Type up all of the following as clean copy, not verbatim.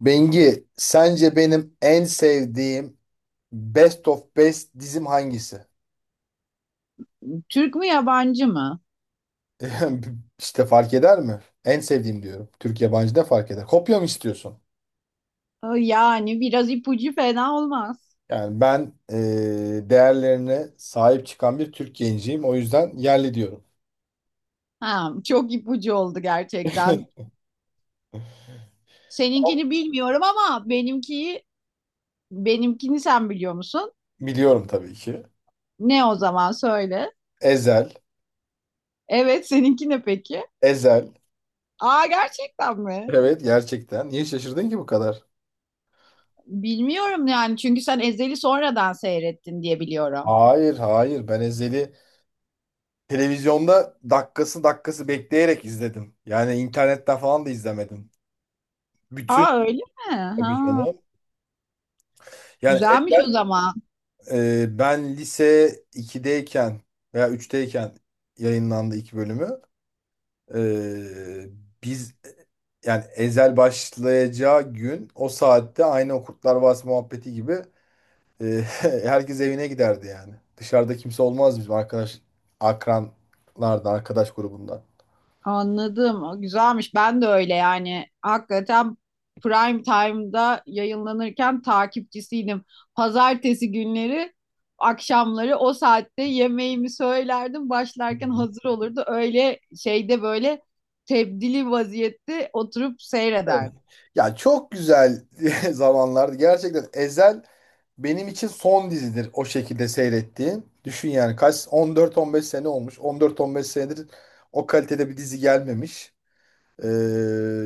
Bengi, sence benim en sevdiğim Best of Best dizim hangisi? Türk mü yabancı mı? İşte fark eder mi? En sevdiğim diyorum. Türk yabancı da fark eder. Kopya mı istiyorsun? Yani biraz ipucu fena olmaz. Yani ben değerlerine sahip çıkan bir Türk genciyim. O yüzden yerli diyorum. Ha, çok ipucu oldu gerçekten. Seninkini bilmiyorum ama benimkini sen biliyor musun? Biliyorum tabii ki. Ne o zaman söyle. Ezel, Evet seninki ne peki? Ezel. Aa gerçekten mi? Evet, gerçekten. Niye şaşırdın ki bu kadar? Bilmiyorum yani çünkü sen Ezel'i sonradan seyrettin diye biliyorum. Hayır, hayır. Ben Ezel'i televizyonda dakikası dakikası bekleyerek izledim. Yani internetten falan da izlemedim. Aa Bütün öyle mi? tabii Ha, canım. Yani güzelmiş o elden, zaman. Ben lise 2'deyken veya 3'teyken yayınlandı iki bölümü. E, biz yani Ezel başlayacağı gün o saatte aynı o Kurtlar Vadisi muhabbeti gibi herkes evine giderdi yani. Dışarıda kimse olmaz bizim arkadaş akranlardan, arkadaş grubundan. Anladım. O güzelmiş. Ben de öyle yani. Hakikaten prime time'da yayınlanırken takipçisiydim. Pazartesi günleri akşamları o saatte yemeğimi söylerdim. Hı Başlarken hı. hazır olurdu. Öyle şeyde böyle tebdili vaziyette oturup seyrederdim. Ya, çok güzel zamanlardı. Gerçekten Ezel benim için son dizidir o şekilde seyrettiğim. Düşün yani kaç, 14-15 sene olmuş. 14-15 senedir o kalitede bir dizi gelmemiş. Ee,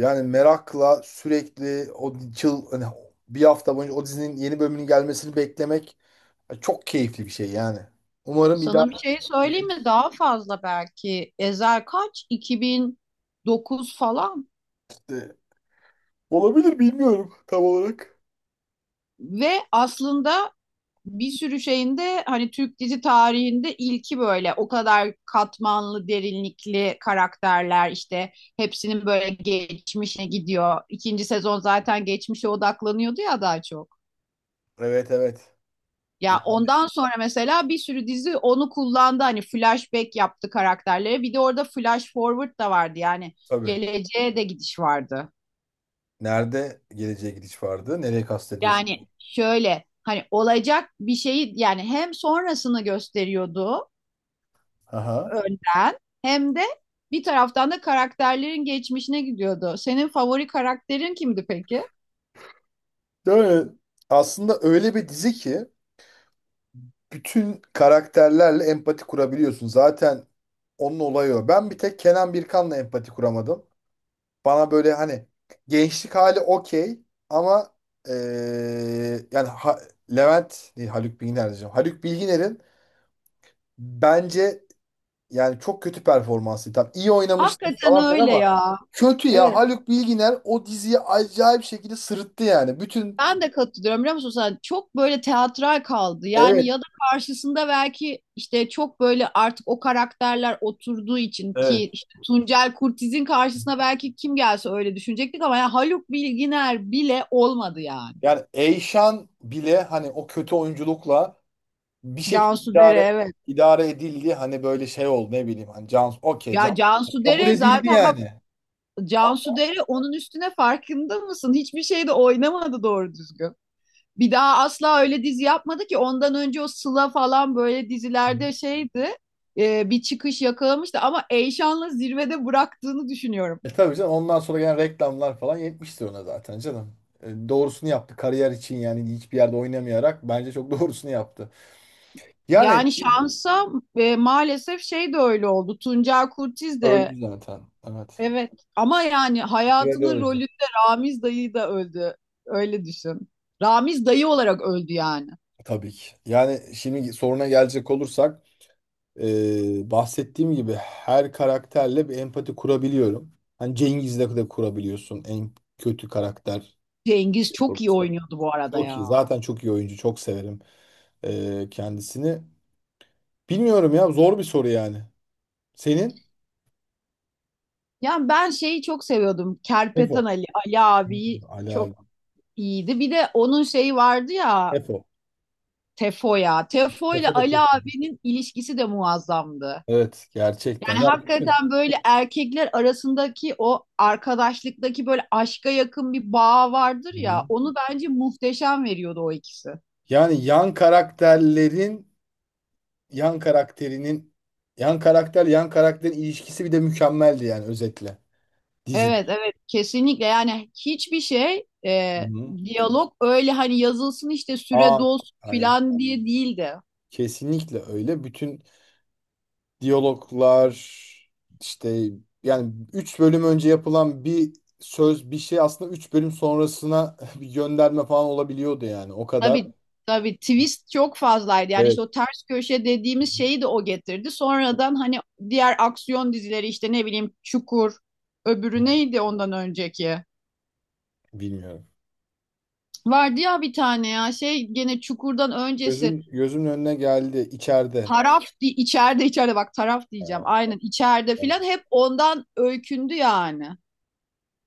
yani merakla sürekli hani bir hafta boyunca o dizinin yeni bölümünün gelmesini beklemek çok keyifli bir şey yani. Umarım bir daha Sana bir şey söyleyeyim mi? yenisi Daha fazla belki. Ezel kaç? 2009 falan. olabilir, bilmiyorum tam olarak. Ve aslında bir sürü şeyinde hani Türk dizi tarihinde ilki böyle o kadar katmanlı, derinlikli karakterler işte hepsinin böyle geçmişe gidiyor. İkinci sezon zaten geçmişe odaklanıyordu ya daha çok. Evet, evet. Ya, Ya ondan sonra mesela bir sürü dizi onu kullandı hani flashback yaptı karakterlere. Bir de orada flash forward da vardı yani tabii. geleceğe de gidiş vardı. Nerede geleceğe gidiş vardı? Nereye kastediyorsun? Yani şöyle hani olacak bir şeyi yani hem sonrasını gösteriyordu Aha. önden hem de bir taraftan da karakterlerin geçmişine gidiyordu. Senin favori karakterin kimdi peki? Böyle aslında öyle bir dizi ki bütün karakterlerle empati kurabiliyorsun. Zaten onun olayı o. Ben bir tek Kenan Birkan'la empati kuramadım. Bana böyle hani gençlik hali okey ama yani Levent değil, Haluk Bilginer diyeceğim. Haluk Bilginer'in bence yani çok kötü performansı. Tam iyi oynamıştı Hakikaten falan filan öyle ama ya. kötü ya. Evet. Haluk Bilginer o diziyi acayip şekilde sırıttı yani. Bütün. Ben de katılıyorum biliyor musun sen? Çok böyle teatral kaldı. Yani Evet. ya da karşısında belki işte çok böyle artık o karakterler oturduğu için ki Evet. işte Tuncel Kurtiz'in karşısına belki kim gelse öyle düşünecektik ama ya Haluk Bilginer bile olmadı yani. Yani Eyşan bile hani o kötü oyunculukla bir şekilde Cansu Dere, idare, evet. idare edildi. Hani böyle şey oldu, ne bileyim. Hani Can, okey, Can Ya Cansu kabul Dere edildi zaten bak, yani. Cansu Dere onun üstüne farkında mısın? Hiçbir şeyde oynamadı doğru düzgün. Bir daha asla öyle dizi yapmadı ki ondan önce o Sıla falan böyle Hı hı. dizilerde şeydi. Bir çıkış yakalamıştı ama Eyşan'la zirvede bıraktığını düşünüyorum. E tabii canım, ondan sonra gelen reklamlar falan yetmiştir ona zaten canım. Doğrusunu yaptı. Kariyer için yani hiçbir yerde oynamayarak bence çok doğrusunu yaptı. Yani Yani şansa maalesef şey de öyle oldu. Tuncer Kurtiz de, öldü zaten. Evet. evet, ama yani Bir de hayatının öldü. rolünde Ramiz dayı da öldü. Öyle düşün. Ramiz dayı olarak öldü yani. Tabii ki. Yani şimdi soruna gelecek olursak bahsettiğim gibi her karakterle bir empati kurabiliyorum. Hani Cengiz'le de kurabiliyorsun, en kötü karakter. Cengiz çok iyi oynuyordu bu arada Çok iyi. ya. Zaten çok iyi oyuncu. Çok severim kendisini. Bilmiyorum ya. Zor bir soru yani. Senin? Yani ben şeyi çok seviyordum. Tefo. Kerpeten Ali, Ali Hmm, abi Ali abi. çok iyiydi. Bir de onun şeyi vardı ya, Tefo. Tefo'ya. Tefo ile Tefo da Ali çok iyi. abinin ilişkisi de muazzamdı. Evet. Gerçekten. Yani Ya düşün. hakikaten böyle erkekler arasındaki o arkadaşlıktaki böyle aşka yakın bir bağ vardır Hı ya. hı. Onu bence muhteşem veriyordu o ikisi. Yani yan karakterlerin yan karakterinin yan karakter yan karakterin ilişkisi bir de mükemmeldi yani, özetle. Dizi. Evet, evet, kesinlikle yani hiçbir şey Hı hı. diyalog öyle hani yazılsın işte süre Aa, dolsun aynen. filan diye değildi. Kesinlikle öyle. Bütün diyaloglar işte, yani 3 bölüm önce yapılan bir söz bir şey aslında üç bölüm sonrasına bir gönderme falan olabiliyordu yani. O kadar. Tabii tabii twist çok fazlaydı. Yani işte o Evet. ters köşe dediğimiz şeyi de o getirdi. Sonradan hani diğer aksiyon dizileri işte ne bileyim Çukur, öbürü neydi ondan önceki? Bilmiyorum. Vardı ya bir tane ya şey gene Çukur'dan öncesi Gözüm gözümün önüne geldi içeride. İçeride, içeride bak, taraf diyeceğim. Ya, Aynen içeride yani- filan hep ondan öykündü yani.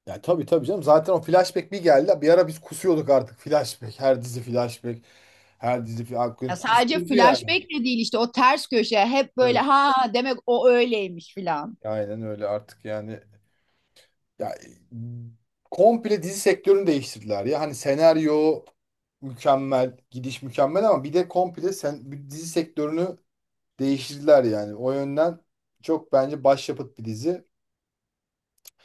ya tabii, tabii canım. Zaten o flashback bir geldi. Bir ara biz kusuyorduk artık flashback. Her dizi flashback. Her dizi Ya flashback. sadece Kusturdu yani. flashback de değil işte o ters köşe hep böyle Evet. ha demek o öyleymiş filan. Aynen öyle artık yani. Ya, komple dizi sektörünü değiştirdiler ya. Hani senaryo mükemmel, gidiş mükemmel, ama bir de bir dizi sektörünü değiştirdiler yani. O yönden çok bence başyapıt bir dizi.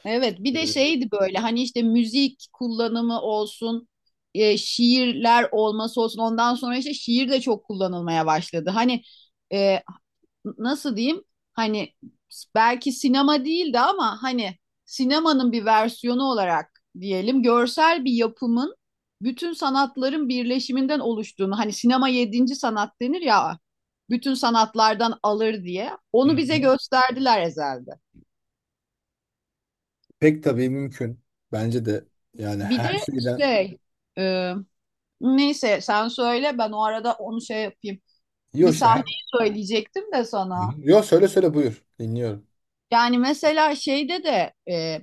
Evet bir de Ee, şeydi böyle hani işte müzik kullanımı olsun, şiirler olması olsun, ondan sonra işte şiir de çok kullanılmaya başladı. Hani e, nasıl diyeyim, hani belki sinema değildi ama hani sinemanın bir versiyonu olarak diyelim görsel bir yapımın bütün sanatların birleşiminden oluştuğunu, hani sinema yedinci sanat denir ya, bütün sanatlardan alır diye Hı onu bize hı. gösterdiler Ezel'de. Pek tabii mümkün. Bence de, yani Bir her de şeyden. şey, e, neyse sen söyle, ben o arada onu şey yapayım. Bir Yok, işte sahneyi her... söyleyecektim de sana. Yok, söyle söyle, buyur. Dinliyorum. Yani mesela şeyde de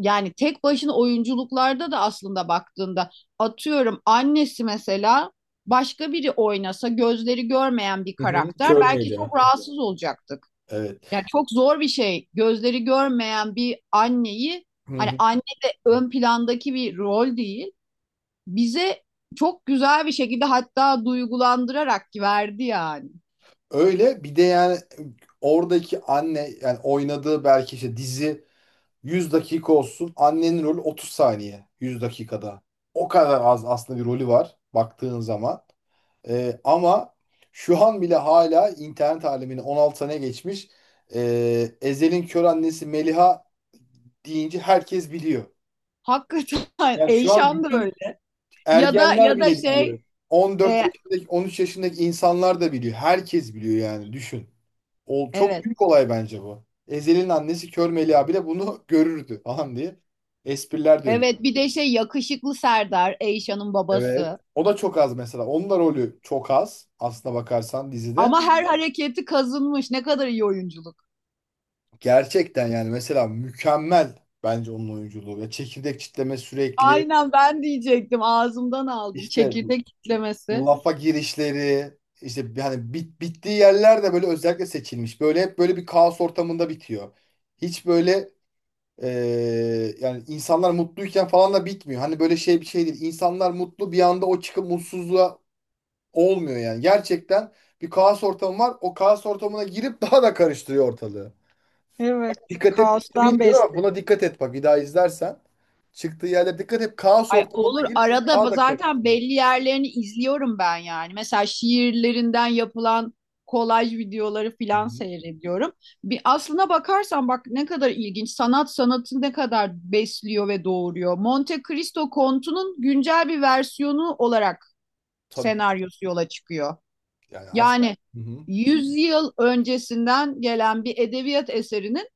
yani tek başına oyunculuklarda da aslında baktığında atıyorum annesi mesela, başka biri oynasa gözleri görmeyen bir Hı hı, karakter, kör müydü belki çok ya? rahatsız olacaktık. Evet. Yani çok zor bir şey gözleri görmeyen bir anneyi, Hı hani hı. anne de ön plandaki bir rol değil, bize çok güzel bir şekilde hatta duygulandırarak verdi yani. Öyle bir de yani oradaki anne yani oynadığı, belki işte dizi 100 dakika olsun. Annenin rolü 30 saniye 100 dakikada. O kadar az aslında bir rolü var baktığın zaman. Ama şu an bile hala internet alemine 16 sene geçmiş. Ezel'in kör annesi Meliha deyince herkes biliyor. Hakikaten Yani şu an Eyşan da bütün öyle. Ya da ergenler ya da bile biliyor. şey, On dört e, yaşındaki on üç yaşındaki insanlar da biliyor. Herkes biliyor yani, düşün. Çok evet. büyük olay bence bu. Ezel'in annesi Kör Melia bile bunu görürdü falan diye espriler dönüyor. Evet bir de şey, yakışıklı Serdar, Eyşan'ın Evet. babası. O da çok az mesela. Onun da rolü çok az aslına bakarsan dizide. Ama her hareketi kazınmış. Ne kadar iyi oyunculuk. Gerçekten yani mesela mükemmel bence onun oyunculuğu. Ya çekirdek çitleme sürekli, Aynen, ben diyecektim. Ağzımdan aldım. işte Çekirdek kitlemesi. lafa girişleri, işte hani bittiği yerler de böyle özellikle seçilmiş. Böyle hep böyle bir kaos ortamında bitiyor. Hiç böyle Ee, yani insanlar mutluyken falan da bitmiyor. Hani böyle şey, bir şey değil. İnsanlar mutlu bir anda o çıkıp mutsuzluğa olmuyor yani. Gerçekten bir kaos ortamı var. O kaos ortamına girip daha da karıştırıyor ortalığı. Evet. Dikkat et, Kaostan bilmiyorum ama buna beslenmiş. dikkat et bak bir daha izlersen. Çıktığı yerde dikkat et, kaos Ay ortamına olur, girip daha arada da zaten karıştırıyor. belli yerlerini izliyorum ben yani. Mesela şiirlerinden yapılan kolaj videoları Hı filan hı. seyrediyorum. Bir aslına bakarsan bak ne kadar ilginç. Sanat sanatı ne kadar besliyor ve doğuruyor. Monte Cristo Kontu'nun güncel bir versiyonu olarak Tabii, tabii. senaryosu yola çıkıyor. Yani aslında, Yani hı hı, 100 yıl öncesinden gelen bir edebiyat eserinin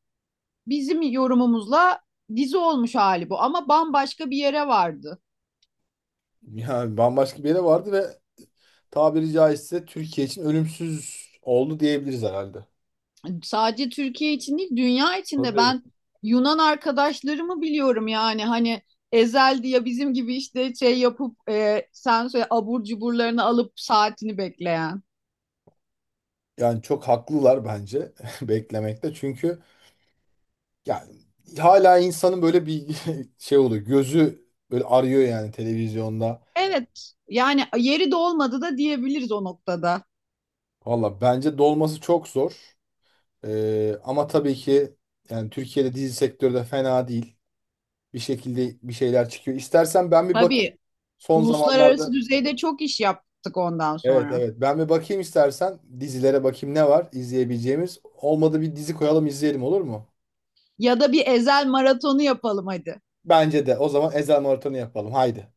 bizim yorumumuzla dizi olmuş hali bu ama bambaşka bir yere vardı. yani bambaşka bir yere vardı ve tabiri caizse Türkiye için ölümsüz oldu diyebiliriz herhalde. Sadece Türkiye için değil, dünya için de, Tabii. ben Yunan arkadaşlarımı biliyorum yani, hani Ezel diye bizim gibi işte şey yapıp sen söyle, abur cuburlarını alıp saatini bekleyen. Yani çok haklılar bence beklemekte. Çünkü yani hala insanın böyle bir şey oluyor. Gözü böyle arıyor yani televizyonda. Evet yani yeri de olmadı da diyebiliriz o noktada. Valla bence dolması çok zor. Ama tabii ki yani Türkiye'de dizi sektörü de fena değil. Bir şekilde bir şeyler çıkıyor. İstersen ben bir bakayım. Tabii Son uluslararası zamanlarda, düzeyde çok iş yaptık ondan evet sonra. evet, ben bir bakayım, istersen dizilere bakayım ne var izleyebileceğimiz. Olmadı bir dizi koyalım izleyelim, olur mu? Ya da bir Ezel maratonu yapalım hadi. Bence de. O zaman Ezel Marathonu yapalım. Haydi.